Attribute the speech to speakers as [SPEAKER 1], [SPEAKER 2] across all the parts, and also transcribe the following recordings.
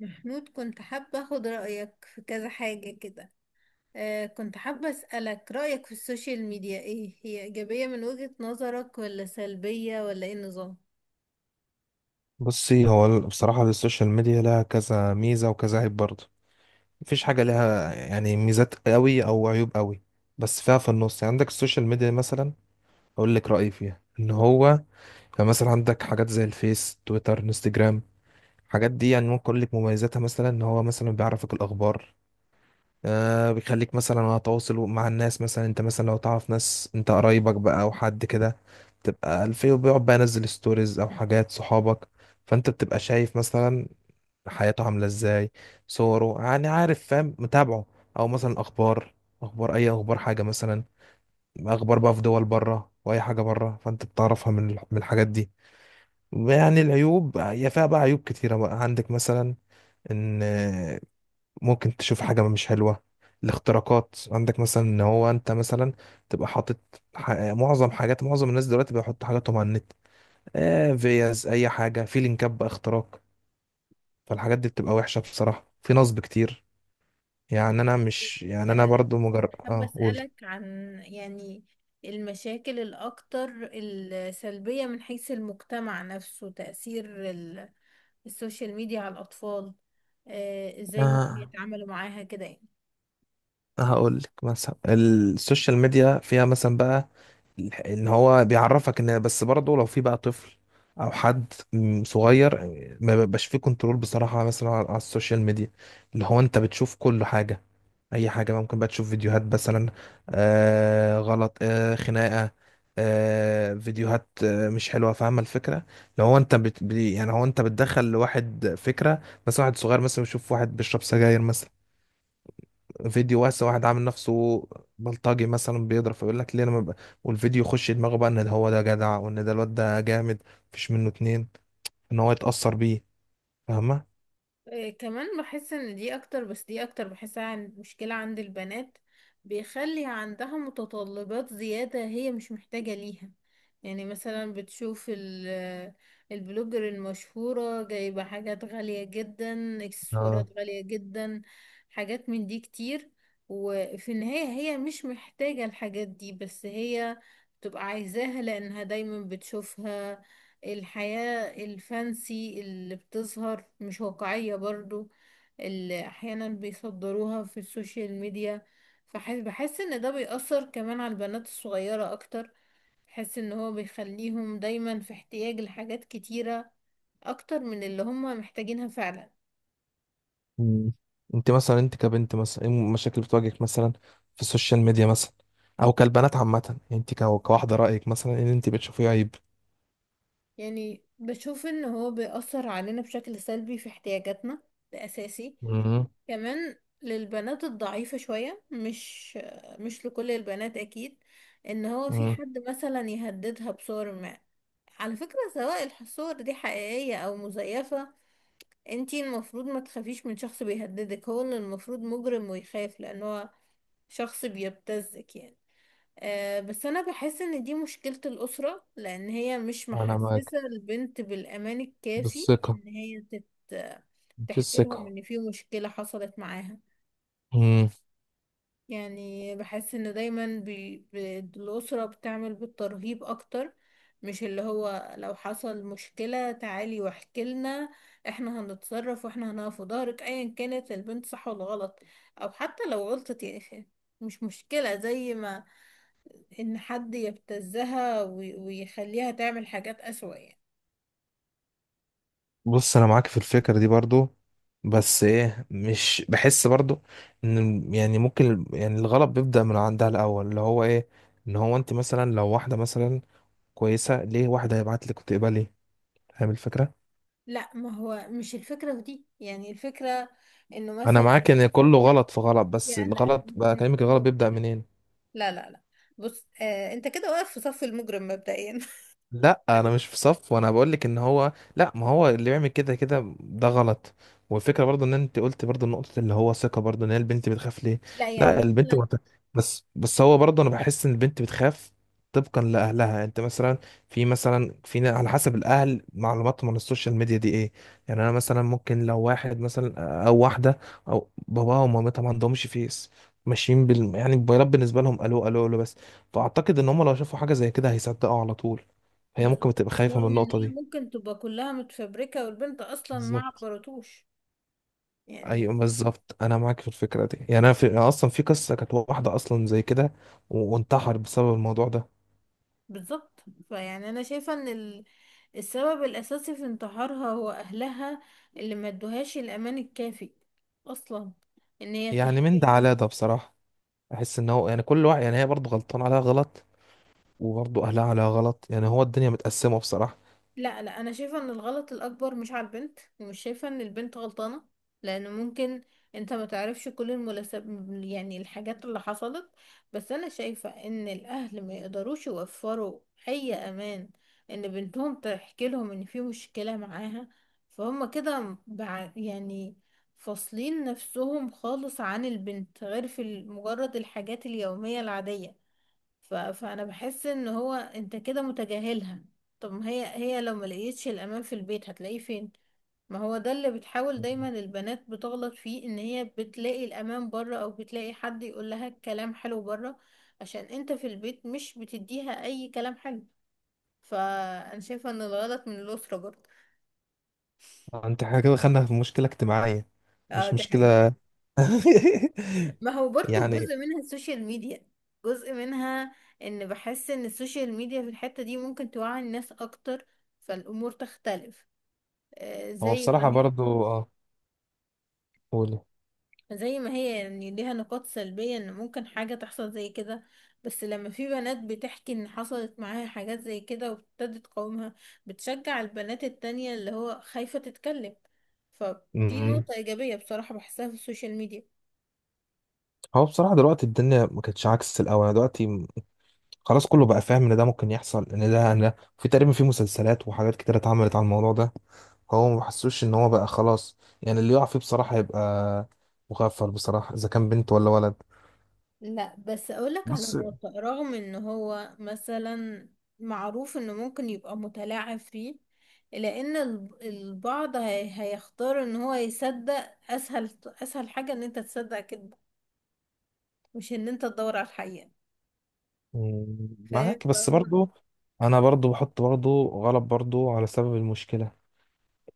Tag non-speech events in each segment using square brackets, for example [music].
[SPEAKER 1] محمود، كنت حابة أخد رأيك في كذا حاجة كده. كنت حابة أسألك رأيك في السوشيال ميديا، إيه هي؟ إيجابية من وجهة نظرك ولا سلبية ولا إيه النظام؟
[SPEAKER 2] بصي، هو بصراحة السوشيال ميديا لها كذا ميزة وكذا عيب برضه. مفيش حاجة لها يعني ميزات قوي أو عيوب قوي، بس فيها في النص. يعني عندك السوشيال ميديا مثلا، أقول لك رأيي فيها إن هو، يعني مثلا عندك حاجات زي الفيس، تويتر، انستجرام. الحاجات دي يعني ممكن أقول لك مميزاتها، مثلا إن هو مثلا بيعرفك الأخبار. بيخليك مثلا على تواصل مع الناس. مثلا أنت مثلا لو تعرف ناس، أنت قرايبك بقى أو حد كده، تبقى الفيو بيقعد بقى ينزل ستوريز أو حاجات صحابك، فانت بتبقى شايف مثلا حياته عاملة ازاي، صوره، يعني عارف، فاهم، متابعه. او مثلا اخبار، اخبار اي اخبار حاجة مثلا، اخبار بقى في دول بره واي حاجة بره، فانت بتعرفها من الحاجات دي. يعني العيوب، هي فيها بقى عيوب كتيرة بقى. عندك مثلا ان ممكن تشوف حاجة مش حلوة، الاختراقات. عندك مثلا ان هو انت مثلا تبقى حاطط، معظم حاجات، معظم الناس دلوقتي بيحطوا حاجاتهم على النت، فيز اي حاجة، في لينكات بقى، اختراق. فالحاجات دي بتبقى وحشة بصراحة، في نصب كتير. يعني انا مش، يعني انا
[SPEAKER 1] آه
[SPEAKER 2] برضو مجرد
[SPEAKER 1] حابة
[SPEAKER 2] قول.
[SPEAKER 1] أسألك عن، يعني، المشاكل الأكتر السلبية من حيث المجتمع نفسه، تأثير السوشيال ميديا على الأطفال. آه، إزاي ممكن
[SPEAKER 2] آه،
[SPEAKER 1] يتعاملوا معاها كده؟
[SPEAKER 2] هقول لك. مثلا السوشيال ميديا فيها مثلا بقى ان هو بيعرفك ان، بس برضه لو في بقى طفل او حد صغير، ما بيبقاش فيه كنترول بصراحة مثلا على السوشيال ميديا. اللي هو انت بتشوف كل حاجة، اي حاجه بقى، ممكن بقى تشوف فيديوهات مثلا غلط، خناقه، فيديوهات مش حلوه. فاهمه الفكره؟ لو هو انت يعني هو انت بتدخل لواحد فكره، مثلا واحد صغير مثلا يشوف واحد بيشرب سجاير مثلا، فيديو واسع، واحد عامل نفسه بلطجي مثلا بيضرب، فيقول لك ليه انا ما ب... والفيديو يخش دماغه بقى ان ده، هو ده جدع، وان ده الواد ده جامد، مفيش منه اتنين، ان هو يتاثر بيه. فاهمه؟
[SPEAKER 1] آه، كمان بحس ان دي اكتر، بحسها عن مشكلة عند البنات. بيخلي عندها متطلبات زيادة هي مش محتاجة ليها. يعني مثلا بتشوف البلوجر المشهورة جايبة حاجات غالية جدا، اكسسوارات
[SPEAKER 2] اه.
[SPEAKER 1] غالية جدا، حاجات من دي كتير. وفي النهاية هي مش محتاجة الحاجات دي، بس هي بتبقى عايزاها لأنها دايما بتشوفها. الحياة الفانسي اللي بتظهر مش واقعية برضو، اللي احيانا بيصدروها في السوشيال ميديا. بحس ان ده بيأثر كمان على البنات الصغيرة اكتر. بحس ان هو بيخليهم دايما في احتياج لحاجات كتيرة، اكتر من اللي هم محتاجينها فعلا.
[SPEAKER 2] مم. انت مثلا، انت كبنت مثلا، ايه المشاكل اللي بتواجهك مثلا في السوشيال ميديا مثلا، او كالبنات عامه؟ يعني انت كواحده، رايك مثلا ايه اللي انت بتشوفيه عيب؟
[SPEAKER 1] يعني بشوف ان هو بيأثر علينا بشكل سلبي في احتياجاتنا، ده اساسي.
[SPEAKER 2] مم.
[SPEAKER 1] كمان للبنات الضعيفة شوية، مش لكل البنات أكيد، إن هو في
[SPEAKER 2] مم.
[SPEAKER 1] حد مثلا يهددها بصور ما. على فكرة سواء الصور دي حقيقية أو مزيفة، انتي المفروض ما تخافيش من شخص بيهددك. هو اللي المفروض مجرم ويخاف، لأن هو شخص بيبتزك يعني. أه، بس أنا بحس إن دي مشكلة الأسرة، لأن هي مش
[SPEAKER 2] انا معاك،
[SPEAKER 1] محسسة البنت بالأمان الكافي
[SPEAKER 2] بالثقه،
[SPEAKER 1] إن هي
[SPEAKER 2] في
[SPEAKER 1] تحكي لهم
[SPEAKER 2] الثقه.
[SPEAKER 1] إن في مشكلة حصلت معاها.
[SPEAKER 2] مم.
[SPEAKER 1] يعني بحس ان دايما الأسرة بتعمل بالترهيب اكتر، مش اللي هو لو حصل مشكلة تعالي واحكي لنا، احنا هنتصرف واحنا هنقف في ظهرك ايا كانت البنت صح ولا غلط. او حتى لو غلطت يعني، مش مشكلة، زي ما ان حد يبتزها ويخليها تعمل حاجات اسوأ يعني.
[SPEAKER 2] بص، انا معاك في الفكره دي برضو، بس ايه، مش بحس برضو ان، يعني ممكن، يعني الغلط بيبدا من عندها الاول، اللي هو ايه؟ ان هو انت مثلا، لو واحده مثلا كويسه، ليه واحده هيبعت لك وتقبلي؟ فاهم الفكره؟
[SPEAKER 1] لا، ما هو مش الفكرة في دي، يعني الفكرة انه
[SPEAKER 2] انا
[SPEAKER 1] مثلا،
[SPEAKER 2] معاك ان كله غلط في غلط، بس
[SPEAKER 1] يعني لا لا،
[SPEAKER 2] الغلط بقى،
[SPEAKER 1] مش
[SPEAKER 2] كلامك،
[SPEAKER 1] في
[SPEAKER 2] الغلط بيبدأ
[SPEAKER 1] النقطة.
[SPEAKER 2] منين؟
[SPEAKER 1] لا لا لا، بص آه، انت كده واقف في صف المجرم مبدئيا.
[SPEAKER 2] لا،
[SPEAKER 1] [laughs]
[SPEAKER 2] انا مش في صف، وانا بقول لك ان هو، لا، ما هو اللي بيعمل كده كده ده غلط. والفكره برضو ان انت قلت برضو نقطه اللي هو ثقه، برضو ان هي البنت بتخاف ليه.
[SPEAKER 1] لا يعني
[SPEAKER 2] لا،
[SPEAKER 1] مثلا.
[SPEAKER 2] بس هو برضو، انا بحس ان البنت بتخاف طبقا لاهلها. انت مثلا، في مثلا، على حسب الاهل، معلوماتهم عن السوشيال ميديا دي ايه. يعني انا مثلا، ممكن لو واحد مثلا او واحده، او باباها ومامتها ما عندهمش فيس، ماشيين يعني الموبايلات بالنسبه لهم الو الو الو بس. فاعتقد ان هم لو شافوا حاجه زي كده هيصدقوا على طول، هي
[SPEAKER 1] بالظبط،
[SPEAKER 2] ممكن تبقى خايفة من
[SPEAKER 1] رغم ان
[SPEAKER 2] النقطة
[SPEAKER 1] هي
[SPEAKER 2] دي.
[SPEAKER 1] ممكن تبقى كلها متفبركة والبنت اصلا ما
[SPEAKER 2] بالظبط.
[SPEAKER 1] عبرتوش يعني.
[SPEAKER 2] ايوه، بالظبط، انا معاك في الفكرة دي. يعني انا في، اصلا في قصة كانت واحدة اصلا زي كده، و- وانتحر بسبب الموضوع ده.
[SPEAKER 1] بالظبط. فيعني انا شايفة ان السبب الاساسي في انتحارها هو اهلها، اللي ما ادوهاش الامان الكافي اصلا ان هي
[SPEAKER 2] يعني
[SPEAKER 1] تحكي
[SPEAKER 2] من ده
[SPEAKER 1] لهم.
[SPEAKER 2] على ده بصراحة، احس ان هو، يعني كل واحد، يعني هي برضه غلطان عليها غلط، وبرضه اهلها عليها غلط، يعني هو الدنيا متقسمة بصراحة.
[SPEAKER 1] لا لا، انا شايفه ان الغلط الاكبر مش على البنت، ومش شايفه ان البنت غلطانه، لان ممكن انت ما تعرفش كل المناسب، يعني الحاجات اللي حصلت. بس انا شايفه ان الاهل ما يقدروش يوفروا اي امان ان بنتهم تحكي لهم ان في مشكله معاها. فهم كده يعني فاصلين نفسهم خالص عن البنت، غير في مجرد الحاجات اليوميه العاديه. فانا بحس ان هو انت كده متجاهلها. طب ما هي، هي لو ما لقيتش الامان في البيت هتلاقيه فين؟ ما هو ده اللي بتحاول، دايما البنات بتغلط فيه، ان هي بتلاقي الامان بره، او بتلاقي حد يقول لها كلام حلو بره، عشان انت في البيت مش بتديها اي كلام حلو. فانا شايفه ان الغلط من الاسره برضه.
[SPEAKER 2] انت، احنا كده دخلنا في مشكلة اجتماعية،
[SPEAKER 1] اه
[SPEAKER 2] مش
[SPEAKER 1] دي حقيقة.
[SPEAKER 2] مشكلة.
[SPEAKER 1] ما هو
[SPEAKER 2] [laughs]
[SPEAKER 1] برضه
[SPEAKER 2] يعني
[SPEAKER 1] جزء منها السوشيال ميديا، جزء منها. ان بحس ان السوشيال ميديا في الحته دي ممكن توعي الناس اكتر، فالامور تختلف. آه،
[SPEAKER 2] هو
[SPEAKER 1] زي ما
[SPEAKER 2] بصراحة
[SPEAKER 1] هي،
[SPEAKER 2] برضه قولي.
[SPEAKER 1] زي ما هي يعني، ليها نقاط سلبية ان ممكن حاجة تحصل زي كده، بس لما في بنات بتحكي ان حصلت معاها حاجات زي كده وابتدت تقاومها، بتشجع البنات التانية اللي هو خايفة تتكلم. فدي
[SPEAKER 2] م.
[SPEAKER 1] نقطة إيجابية بصراحة بحسها في السوشيال ميديا.
[SPEAKER 2] هو بصراحة دلوقتي الدنيا ما كانتش عكس الأول. يعني دلوقتي خلاص، كله بقى فاهم ان ده ممكن يحصل، ان ده، في تقريبا في مسلسلات وحاجات كتير اتعملت على الموضوع ده، هو ما حسوش ان هو بقى خلاص. يعني اللي يقع فيه بصراحة هيبقى مغفل بصراحة، اذا كان بنت ولا ولد.
[SPEAKER 1] لا بس اقولك على
[SPEAKER 2] بس
[SPEAKER 1] الواقع، رغم ان هو مثلا معروف انه ممكن يبقى متلاعب فيه، الا ان البعض هيختار ان هو يصدق. اسهل اسهل حاجة ان انت تصدق كده، مش ان انت تدور على الحقيقة.
[SPEAKER 2] مم،
[SPEAKER 1] فاهم؟
[SPEAKER 2] معاك، بس
[SPEAKER 1] فهو
[SPEAKER 2] برضو انا برضو بحط برضو غلط برضو على سبب المشكلة.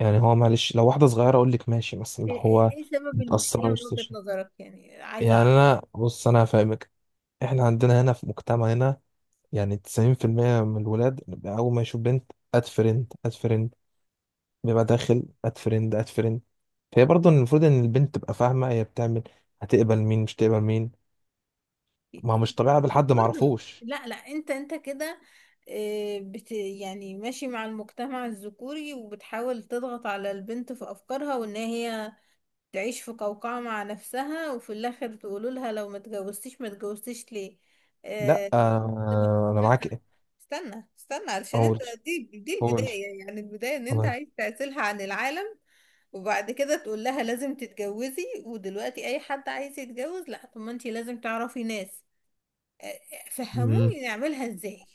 [SPEAKER 2] يعني هو، معلش، لو واحدة صغيرة اقول لك ماشي، بس اللي
[SPEAKER 1] ايه،
[SPEAKER 2] هو
[SPEAKER 1] إيه سبب المشكلة
[SPEAKER 2] متأثرة
[SPEAKER 1] من
[SPEAKER 2] وسط.
[SPEAKER 1] وجهة نظرك يعني؟ عايزة
[SPEAKER 2] يعني
[SPEAKER 1] اعرف.
[SPEAKER 2] انا، بص، انا هفهمك، احنا عندنا هنا في مجتمعنا، يعني 90% من الولاد أول ما يشوف بنت، أد فريند أد فريند، بيبقى داخل أد فريند أد فريند. فهي برضه المفروض إن البنت تبقى فاهمة هي بتعمل، هتقبل مين مش تقبل مين. ما هو مش طبيعي أقابل حد
[SPEAKER 1] حر.
[SPEAKER 2] معرفوش.
[SPEAKER 1] لا لا، انت انت كده، إيه، بت يعني ماشي مع المجتمع الذكوري، وبتحاول تضغط على البنت في افكارها، وان هي تعيش في قوقعة مع نفسها، وفي الآخر تقولوا لها لو ما اتجوزتيش ما اتجوزتيش ليه.
[SPEAKER 2] لأ،
[SPEAKER 1] آه،
[SPEAKER 2] آه، أنا معاك. إيه؟
[SPEAKER 1] استنى استنى علشان
[SPEAKER 2] قول.
[SPEAKER 1] انت، دي دي
[SPEAKER 2] قول.
[SPEAKER 1] البداية، يعني البداية ان انت
[SPEAKER 2] آه.
[SPEAKER 1] عايز تعزلها عن العالم، وبعد كده تقول لها لازم تتجوزي. ودلوقتي اي حد عايز يتجوز لا، طب ما انت لازم تعرفي ناس. آه، آه،
[SPEAKER 2] مم.
[SPEAKER 1] فهموني نعملها ازاي،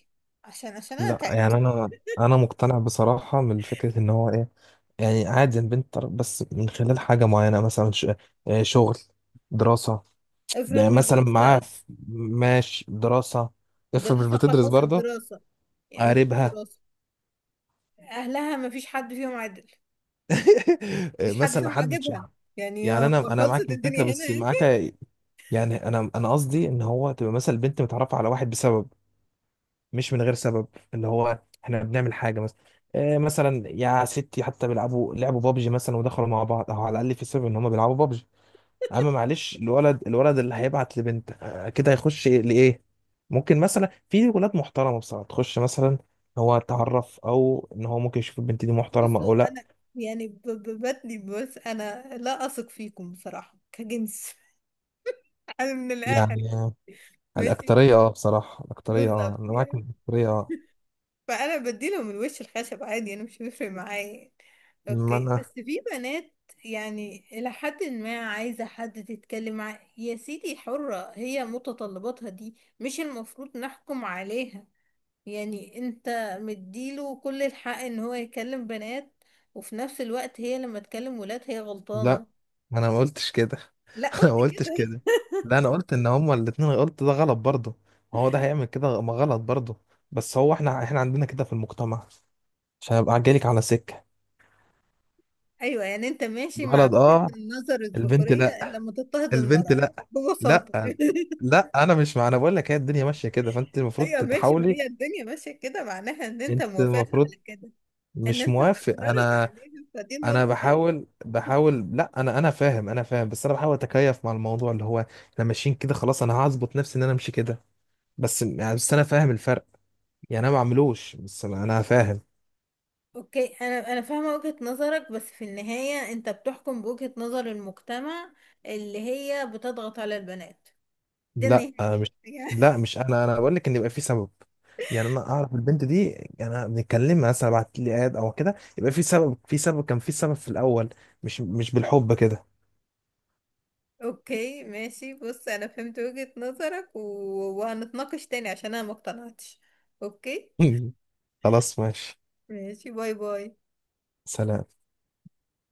[SPEAKER 1] عشان عشان انا
[SPEAKER 2] لأ، يعني
[SPEAKER 1] تعبت.
[SPEAKER 2] أنا مقتنع بصراحة من فكرة إن هو إيه، يعني عادي البنت تعرف بس من خلال حاجة معينة، مثلا آه، شغل، دراسة،
[SPEAKER 1] افرض
[SPEAKER 2] ده
[SPEAKER 1] مش
[SPEAKER 2] مثلا معاه
[SPEAKER 1] بتشتغل.
[SPEAKER 2] ماشي، دراسة، افرض مش
[SPEAKER 1] دراسة
[SPEAKER 2] بتدرس
[SPEAKER 1] خلصت
[SPEAKER 2] برضه،
[SPEAKER 1] دراسة، يعني ما فيش
[SPEAKER 2] قاربها،
[SPEAKER 1] دراسة. اهلها ما فيش حد فيهم عدل.
[SPEAKER 2] [laughs]
[SPEAKER 1] مفيش حد
[SPEAKER 2] مثلا
[SPEAKER 1] فيهم
[SPEAKER 2] حدد
[SPEAKER 1] عاجبها،
[SPEAKER 2] شعر.
[SPEAKER 1] يعني
[SPEAKER 2] يعني
[SPEAKER 1] هو
[SPEAKER 2] انا
[SPEAKER 1] خلصت
[SPEAKER 2] معاك في الفكره،
[SPEAKER 1] الدنيا هنا
[SPEAKER 2] بس
[SPEAKER 1] يعني؟
[SPEAKER 2] معاك، يعني انا قصدي ان هو، تبقى مثلا البنت متعرفه على واحد بسبب، مش من غير سبب. اللي هو احنا بنعمل حاجه مثلا، آه، مثلا يا ستي، حتى لعبوا بابجي مثلا ودخلوا مع بعض، او على الاقل في سبب ان هم بيلعبوا بابجي. اما معلش، الولد، اللي هيبعت لبنت آه كده هيخش لايه؟ ممكن مثلا في ولاد محترمه بصراحه تخش مثلا، هو تعرف، او ان هو ممكن يشوف البنت دي
[SPEAKER 1] [laughs]
[SPEAKER 2] محترمه او
[SPEAKER 1] بصوا
[SPEAKER 2] لا.
[SPEAKER 1] انا، يعني ببتني، بس انا لا اثق فيكم بصراحه كجنس. [laughs] انا من الاخر
[SPEAKER 2] يعني آه،
[SPEAKER 1] ماشي.
[SPEAKER 2] الاكتريه بصراحه، الاكتريه
[SPEAKER 1] بالظبط
[SPEAKER 2] انا معاك إن
[SPEAKER 1] يعني.
[SPEAKER 2] الاكتريه
[SPEAKER 1] فانا بديله من وش الخشب عادي، انا مش بيفرق معايا يعني.
[SPEAKER 2] ما
[SPEAKER 1] اوكي،
[SPEAKER 2] انا.
[SPEAKER 1] بس في بنات، يعني الى حد ما عايزه حد تتكلم معاه، يا سيدي حره، هي متطلباتها دي مش المفروض نحكم عليها. يعني انت مديله كل الحق ان هو يكلم بنات، وفي نفس الوقت هي لما تكلم ولاد هي
[SPEAKER 2] لا،
[SPEAKER 1] غلطانة.
[SPEAKER 2] ما انا ما قلتش كده. [laughs]
[SPEAKER 1] لا
[SPEAKER 2] انا
[SPEAKER 1] قلت
[SPEAKER 2] ما قلتش
[SPEAKER 1] كده.
[SPEAKER 2] كده. لا، انا قلت ان هما الاتنين، قلت ده غلط برضه، ما هو ده هيعمل كده، ما غلط برضه. بس هو احنا، عندنا كده في المجتمع، عشان ابقى جايلك على سكه.
[SPEAKER 1] [laughs] ايوه يعني انت ماشي مع
[SPEAKER 2] الولد
[SPEAKER 1] وجهة
[SPEAKER 2] اه،
[SPEAKER 1] النظر
[SPEAKER 2] البنت
[SPEAKER 1] الذكورية،
[SPEAKER 2] لا،
[SPEAKER 1] الا لما تضطهد
[SPEAKER 2] البنت
[SPEAKER 1] المرأة
[SPEAKER 2] لا.
[SPEAKER 1] ببساطة.
[SPEAKER 2] لا،
[SPEAKER 1] [laughs]
[SPEAKER 2] لا، انا مش مع، انا بقول لك هي الدنيا ماشيه كده، فانت المفروض
[SPEAKER 1] ايوه ماشي، ما
[SPEAKER 2] تتحاولي،
[SPEAKER 1] هي الدنيا ماشيه كده معناها ان انت
[SPEAKER 2] انت
[SPEAKER 1] موافقها
[SPEAKER 2] المفروض،
[SPEAKER 1] على كده، ان
[SPEAKER 2] مش
[SPEAKER 1] انت
[SPEAKER 2] موافق
[SPEAKER 1] تعترض
[SPEAKER 2] انا.
[SPEAKER 1] عليها فدي
[SPEAKER 2] انا
[SPEAKER 1] نقطه تانيه.
[SPEAKER 2] بحاول لا، انا فاهم، انا فاهم، بس انا بحاول اتكيف مع الموضوع اللي هو احنا ماشيين كده خلاص، انا هظبط نفسي ان انا امشي كده، بس يعني، بس انا فاهم الفرق، يعني انا ما بعملوش، بس انا فاهم.
[SPEAKER 1] اوكي، انا فاهمة وجهة نظرك، بس في النهاية انت بتحكم بوجهة نظر المجتمع اللي هي بتضغط على البنات، ده
[SPEAKER 2] لا،
[SPEAKER 1] النهاية.
[SPEAKER 2] أنا مش، لا،
[SPEAKER 1] [laughs]
[SPEAKER 2] مش انا بقول لك ان يبقى في سبب، يعني انا اعرف البنت دي، يعني انا بنتكلم، مثلا بعت لي اد او كده، يبقى في سبب، كان في سبب في الاول، مش بالحب كده.
[SPEAKER 1] اوكي ماشي. بص انا فهمت وجهة نظرك، وهنتناقش تاني عشان انا ما اقتنعتش. اوكي
[SPEAKER 2] [laughs] خلاص، ماشي.
[SPEAKER 1] ماشي، باي باي.
[SPEAKER 2] سلام.